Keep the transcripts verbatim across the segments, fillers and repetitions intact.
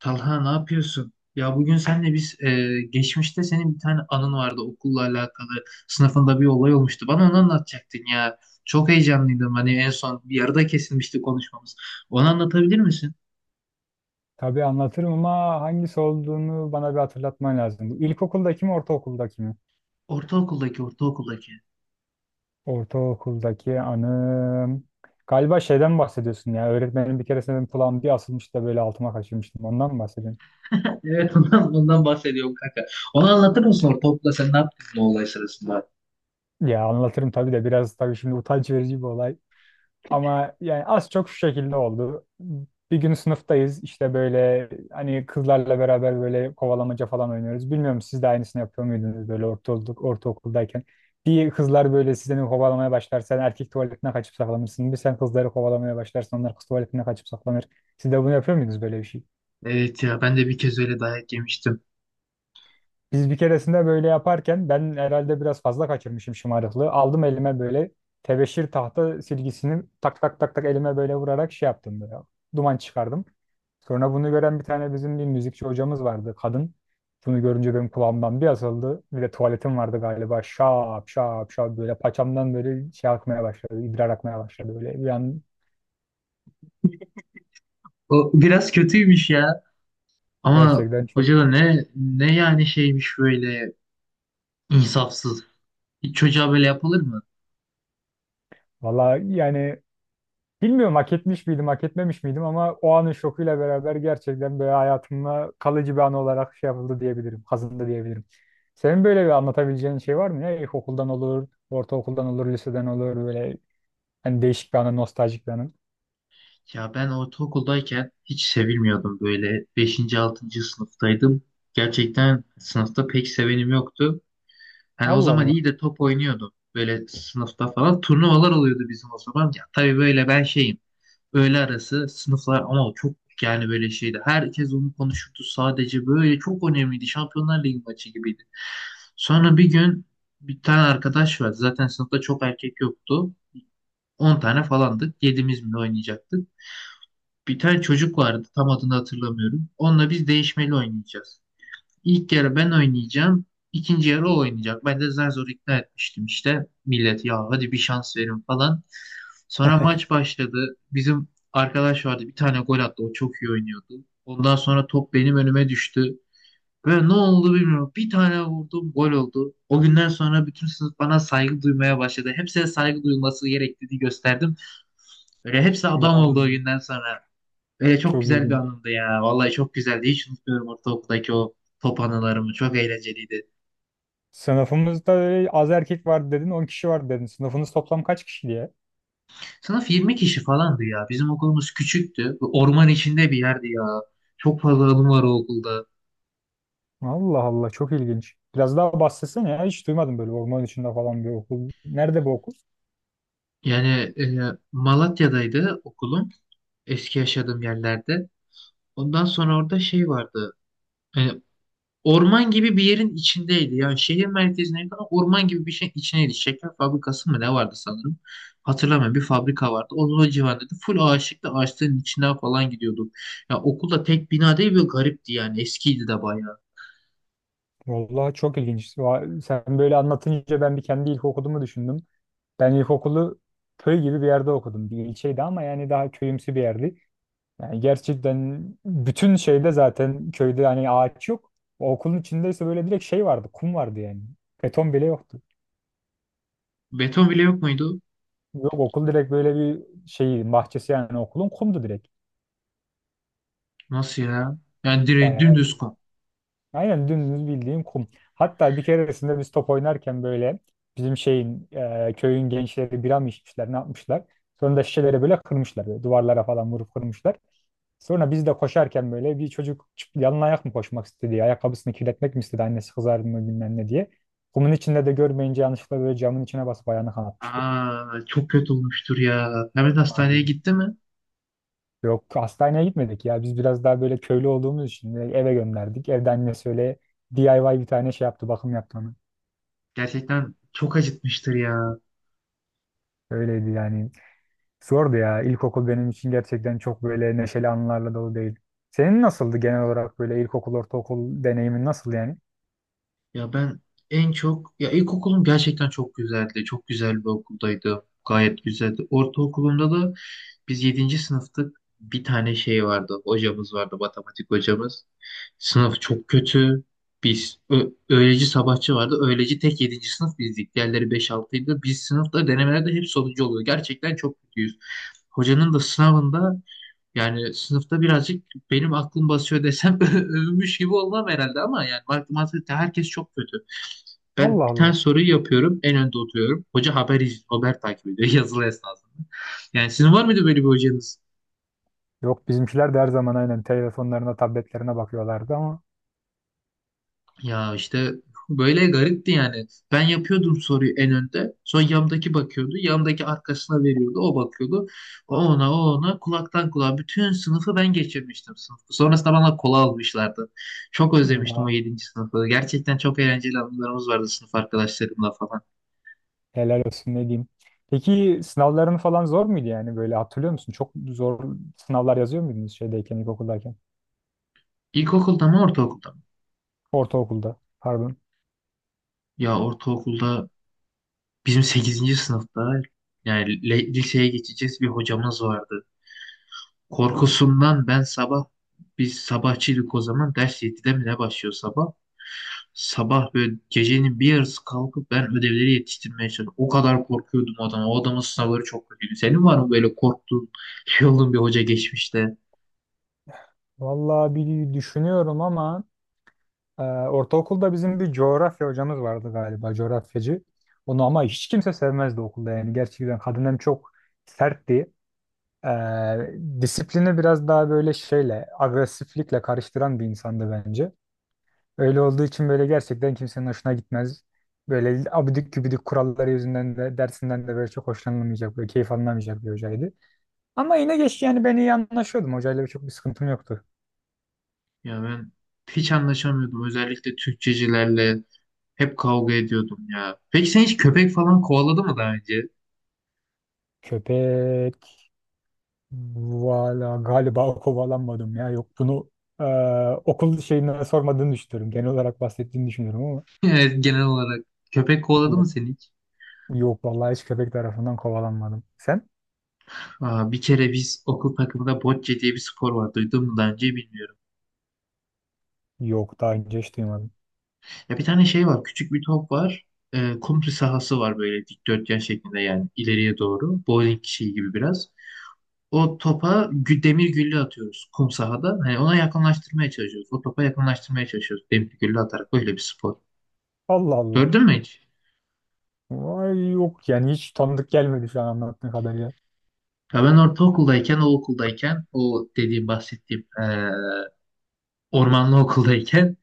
Talha, ne yapıyorsun? Ya bugün senle biz e, geçmişte senin bir tane anın vardı okulla alakalı. Sınıfında bir olay olmuştu. Bana onu anlatacaktın ya. Çok heyecanlıydım. Hani en son bir yarıda kesilmişti konuşmamız. Onu anlatabilir misin? Tabii anlatırım ama hangisi olduğunu bana bir hatırlatman lazım. Bu İlkokuldaki mi, ortaokuldaki mi? Ortaokuldaki, ortaokuldaki. Ortaokuldaki anım. Galiba şeyden bahsediyorsun ya. Öğretmenim bir keresinde benim kulağım bir asılmış da böyle altıma kaçırmıştım. Ondan mı bahsediyorsun? Evet, ondan, ondan bahsediyorum kanka. Onu anlatır mısın, ortaokulda sen ne yaptın bu olay sırasında? Ya anlatırım tabii de biraz tabii şimdi utanç verici bir olay. Ama yani az çok şu şekilde oldu. Bir gün sınıftayız işte böyle hani kızlarla beraber böyle kovalamaca falan oynuyoruz. Bilmiyorum siz de aynısını yapıyor muydunuz böyle ortaokulduk, ortaokuldayken. Bir kızlar böyle sizden kovalamaya başlar. Sen erkek tuvaletine kaçıp saklanırsın. Bir sen kızları kovalamaya başlarsın. Onlar kız tuvaletine kaçıp saklanır. Siz de bunu yapıyor muydunuz böyle bir şey? Evet ya, ben de bir kez öyle dayak yemiştim. Biz bir keresinde böyle yaparken ben herhalde biraz fazla kaçırmışım şımarıklığı. Aldım elime böyle tebeşir tahta silgisini tak tak tak tak elime böyle vurarak şey yaptım böyle. Duman çıkardım. Sonra bunu gören bir tane bizim bir müzikçi hocamız vardı kadın. Bunu görünce benim kulağımdan bir asıldı. Bir de tuvaletim vardı galiba. Şap şap şap böyle paçamdan böyle şey akmaya başladı. İdrar akmaya başladı böyle. Bir an O biraz kötüymüş ya. Ama gerçekten çok. hoca da ne ne yani şeymiş böyle, insafsız. Hiç çocuğa böyle yapılır mı? Valla yani bilmiyorum hak etmiş miydim, hak etmemiş miydim ama o anın şokuyla beraber gerçekten böyle hayatımda kalıcı bir an olarak şey yapıldı diyebilirim, kazındı diyebilirim. Senin böyle bir anlatabileceğin şey var mı ya? İlkokuldan olur, ortaokuldan olur, liseden olur böyle hani değişik bir anı, nostaljik bir anı. Ya ben ortaokuldayken hiç sevilmiyordum böyle. Beşinci, altıncı sınıftaydım. Gerçekten sınıfta pek sevenim yoktu. Hani o Allah zaman Allah. iyi de top oynuyordum. Böyle sınıfta falan turnuvalar oluyordu bizim o zaman. Ya tabii böyle ben şeyim. Öğle arası sınıflar ama çok, yani böyle şeydi. Herkes onu konuşurdu sadece, böyle çok önemliydi. Şampiyonlar Ligi maçı gibiydi. Sonra bir gün bir tane arkadaş vardı. Zaten sınıfta çok erkek yoktu. on tane falandık. Yedimiz mi ne oynayacaktık? Bir tane çocuk vardı. Tam adını hatırlamıyorum. Onunla biz değişmeli oynayacağız. İlk yarı ben oynayacağım, ikinci yarı o oynayacak. Ben de zar zor ikna etmiştim işte. Millet, ya hadi bir şans verin falan. Sonra maç başladı. Bizim arkadaş vardı, bir tane gol attı. O çok iyi oynuyordu. Ondan sonra top benim önüme düştü. Ve ne oldu bilmiyorum, bir tane vurdum, gol oldu. O günden sonra bütün sınıf bana saygı duymaya başladı. Hepsine saygı duyulması gerektiğini gösterdim. Böyle hepsi adam olduğu Vay, günden sonra. Böyle çok çok güzel bir ilginç. anımdı ya. Vallahi çok güzeldi. Hiç unutmuyorum ortaokuldaki o top anılarımı. Çok eğlenceliydi. Sınıfımızda öyle az erkek vardı dedin, on kişi vardı dedin. Sınıfınız toplam kaç kişi diye? Sınıf yirmi kişi falandı ya. Bizim okulumuz küçüktü. Orman içinde bir yerdi ya. Çok fazla anım var o okulda. Allah Allah, çok ilginç. Biraz daha bahsetsene ya, hiç duymadım böyle orman içinde falan bir okul. Nerede bu okul? Yani e, Malatya'daydı okulum. Eski yaşadığım yerlerde. Ondan sonra orada şey vardı. E, Orman gibi bir yerin içindeydi. Yani şehir merkezine yakın orman gibi bir şeyin içindeydi. Şeker fabrikası mı ne vardı sanırım. Hatırlamıyorum. Bir fabrika vardı. Onun o civarında da full ağaçlıkta, ağaçların içinden falan gidiyorduk. Ya okulda tek bina değil, böyle garipti yani. Eskiydi de bayağı. Vallahi çok ilginç. Va- Sen böyle anlatınca ben bir kendi ilkokulumu düşündüm. Ben ilkokulu köy gibi bir yerde okudum. Bir ilçeydi ama yani daha köyümsü bir yerdi. Yani gerçekten bütün şeyde zaten köyde hani ağaç yok. O okulun içindeyse böyle direkt şey vardı, kum vardı yani. Beton bile yoktu. Beton bile yok muydu? Yok, okul direkt böyle bir şey bahçesi, yani okulun kumdu direkt. Nasıl ya? Yani direkt Bayağı dümdüz kom. aynen dümdüz bildiğim kum. Hatta bir keresinde biz top oynarken böyle bizim şeyin e, köyün gençleri bira mı içmişler, ne yapmışlar. Sonra da şişeleri böyle kırmışlar. Böyle duvarlara falan vurup kırmışlar. Sonra biz de koşarken böyle bir çocuk çık- yalın ayak mı koşmak istedi? Ayakkabısını kirletmek mi istedi? Annesi kızar mı bilmem ne diye. Kumun içinde de görmeyince yanlışlıkla böyle camın içine basıp ayağını kanatmıştı. Aa, çok kötü olmuştur ya. Mehmet hastaneye Harbiden. gitti mi? Yok, hastaneye gitmedik ya. Biz biraz daha böyle köylü olduğumuz için de eve gönderdik. Evde annesi öyle D I Y bir tane şey yaptı. Bakım yaptı ona. Gerçekten çok acıtmıştır ya. Öyleydi yani. Zordu ya. İlkokul benim için gerçekten çok böyle neşeli anılarla dolu değil. Senin nasıldı genel olarak böyle ilkokul, ortaokul deneyimin nasıl yani? Ya ben en çok, ya ilkokulum gerçekten çok güzeldi. Çok güzel bir okuldaydı. Gayet güzeldi. Ortaokulumda da biz yedinci sınıftık. Bir tane şey vardı. Hocamız vardı, matematik hocamız. Sınıf çok kötü. Biz ö- öğleci, sabahçı vardı. Öğleci tek yedinci sınıf bizdik. Diğerleri beş, altıydı. Biz sınıfta denemelerde hep sonuncu oluyor. Gerçekten çok kötüyüz. Hocanın da sınavında, yani sınıfta birazcık benim aklım basıyor desem övünmüş gibi olmam herhalde ama yani matematikte herkes çok kötü. Ben Allah bir tane Allah. soruyu yapıyorum, en önde oturuyorum. Hoca haber iz- haber takip ediyor yazılı esnasında. Yani sizin var mıydı böyle bir hocanız? Yok, bizimkiler de her zaman aynen telefonlarına, tabletlerine bakıyorlardı ama Ya işte böyle garipti yani. Ben yapıyordum soruyu en önde. Sonra yandaki bakıyordu. Yandaki arkasına veriyordu. O bakıyordu. O ona, o ona, kulaktan kulağa bütün sınıfı ben geçirmiştim sınıfı. Sonrasında bana kola almışlardı. Çok özlemiştim o ya, yedinci sınıfı. Gerçekten çok eğlenceli anılarımız vardı sınıf arkadaşlarımla falan. helal olsun ne diyeyim. Peki sınavların falan zor muydu yani böyle hatırlıyor musun? Çok zor sınavlar yazıyor muydunuz şeydeyken, ilkokuldayken? İlkokulda mı, ortaokulda mı? Ortaokulda, pardon. Ya ortaokulda bizim sekizinci sınıfta, yani le- liseye geçeceğiz, bir hocamız vardı. Korkusundan ben sabah, biz sabahçıydık o zaman, ders yedide mi ne başlıyor sabah? Sabah böyle gecenin bir yarısı kalkıp ben ödevleri yetiştirmeye çalıştım. O kadar korkuyordum o adama. O adamın sınavları çok kötüydü. Senin var mı böyle korktuğun, şey olduğun bir hoca geçmişte? Vallahi bir düşünüyorum ama Ee, ortaokulda bizim bir coğrafya hocamız vardı galiba, coğrafyacı. Onu ama hiç kimse sevmezdi okulda yani. Gerçekten kadın hem çok sertti. Ee, disiplini biraz daha böyle şeyle, agresiflikle karıştıran bir insandı bence. Öyle olduğu için böyle gerçekten kimsenin hoşuna gitmez. Böyle abidik gübidik kuralları yüzünden de dersinden de böyle çok hoşlanılmayacak, böyle keyif alınamayacak bir hocaydı. Ama yine geç yani ben iyi anlaşıyordum. Hocayla bir çok bir sıkıntım yoktu. Ya ben hiç anlaşamıyordum. Özellikle Türkçecilerle hep kavga ediyordum ya. Peki sen hiç köpek falan kovaladı mı daha önce? Köpek. Valla galiba kovalanmadım ya. Yok, bunu e, okul şeyine sormadığını düşünüyorum. Genel olarak bahsettiğini düşünüyorum ama Evet, genel olarak. Köpek kovaladı mı yok. seni hiç? Yok vallahi, hiç köpek tarafından kovalanmadım. Sen? Aa, bir kere biz okul takımında bocce diye bir spor var. Duydun mu daha önce bilmiyorum. Yok, daha önce hiç duymadım. Ya bir tane şey var. Küçük bir top var. Ee, komple sahası var böyle dikdörtgen şeklinde, yani ileriye doğru. Bowling şeyi gibi biraz. O topa gü- demir güllü atıyoruz kum sahada. Hani ona yakınlaştırmaya çalışıyoruz. O topa yakınlaştırmaya çalışıyoruz. Demir güllü atarak böyle bir spor. Allah Allah. Gördün mü hiç? Vay, yok yani, hiç tanıdık gelmedi şu an anlattığın kadarıyla. Ya ben ortaokuldayken, o okuldayken, o dediğim bahsettiğim ee, ormanlı okuldayken,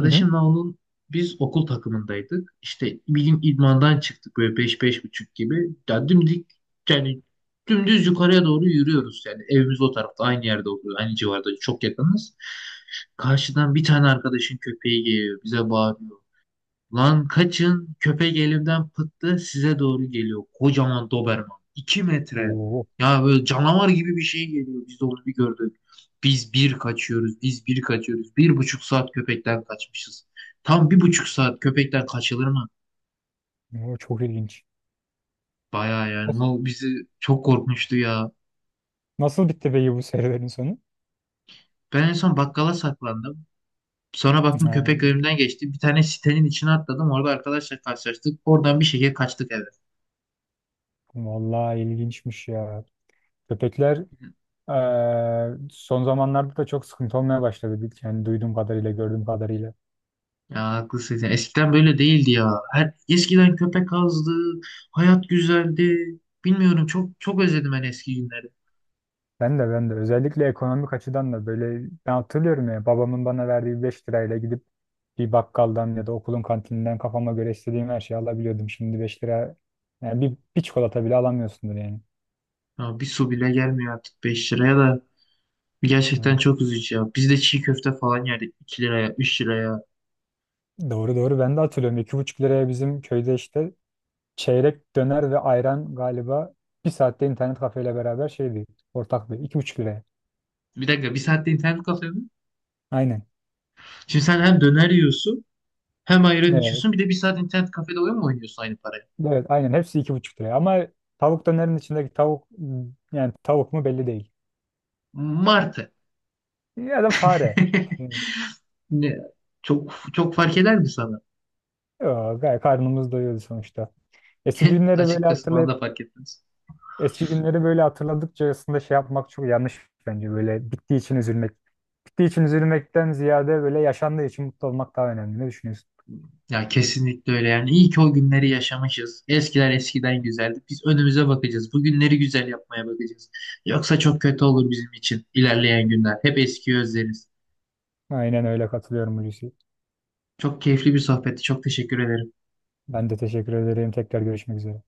Hı hı. onun biz okul takımındaydık. İşte bir gün idmandan çıktık böyle beş, beş buçuk gibi. Ya dimdik, yani dümdüz yukarıya doğru yürüyoruz. Yani evimiz o tarafta aynı yerde oluyor. Aynı civarda çok yakınız. Karşıdan bir tane arkadaşın köpeği geliyor. Bize bağırıyor. Lan kaçın, köpek elimden pıttı, size doğru geliyor. Kocaman Doberman, iki metre. Oo, Ya böyle canavar gibi bir şey geliyor. Biz de onu bir gördük. Biz bir kaçıyoruz. Biz bir kaçıyoruz. Bir buçuk saat köpekten kaçmışız. Tam bir buçuk saat köpekten kaçılır mı? oo, çok ilginç. Baya Of, yani o bizi çok korkmuştu ya. nasıl bitti peki bu serüvenin sonu? Ben en son bakkala saklandım. Sonra baktım Ha, köpek önümden geçti. Bir tane sitenin içine atladım. Orada arkadaşlar karşılaştık. Oradan bir şekilde kaçtık eve. vallahi ilginçmiş ya. Köpekler Eee, son zamanlarda da çok sıkıntı olmaya başladı. Bil- Yani duyduğum kadarıyla, gördüğüm kadarıyla. Ya haklısın sen. Eskiden böyle değildi ya. Her, eskiden köpek azdı. Hayat güzeldi. Bilmiyorum, çok çok özledim ben eski günleri. Ben de ben de özellikle ekonomik açıdan da böyle ben hatırlıyorum ya, babamın bana verdiği beş lirayla gidip bir bakkaldan ya da okulun kantininden kafama göre istediğim her şeyi alabiliyordum. Şimdi beş lira, yani bir, bir çikolata bile alamıyorsundur yani. Ya bir su bile gelmiyor artık beş liraya da. Gerçekten Evet, çok üzücü ya. Biz de çiğ köfte falan yerdik iki liraya, üç liraya. doğru doğru, ben de hatırlıyorum. İki buçuk liraya bizim köyde işte çeyrek döner ve ayran galiba, bir saatte internet kafeyle beraber şeydi, ortaktı. İki buçuk liraya. Bir dakika, bir saatte internet kafede mi? Aynen. Şimdi sen hem döner yiyorsun, hem ayran Evet. içiyorsun, bir de bir saat internet kafede oyun mu oynuyorsun aynı parayı? Evet, aynen hepsi iki buçuk liraya ama tavuk dönerin içindeki tavuk, yani tavuk mu belli değil. Martı. Ya da fare. Yani, Ne? Çok çok fark eder mi sana? yo, gayet karnımız doyuyordu sonuçta. Eski günleri böyle Açıkçası bana hatırlayıp da fark etmez. eski günleri böyle hatırladıkça aslında şey yapmak çok yanlış bence, böyle bittiği için üzülmek. Bittiği için üzülmekten ziyade böyle yaşandığı için mutlu olmak daha önemli. Ne düşünüyorsun? Ya kesinlikle öyle yani. İyi ki o günleri yaşamışız. Eskiler eskiden güzeldi. Biz önümüze bakacağız. Bu günleri güzel yapmaya bakacağız. Yoksa çok kötü olur bizim için ilerleyen günler. Hep eskiyi özleriz. Aynen öyle, katılıyorum Hulusi. Çok keyifli bir sohbetti. Çok teşekkür ederim. Ben de teşekkür ederim. Tekrar görüşmek üzere.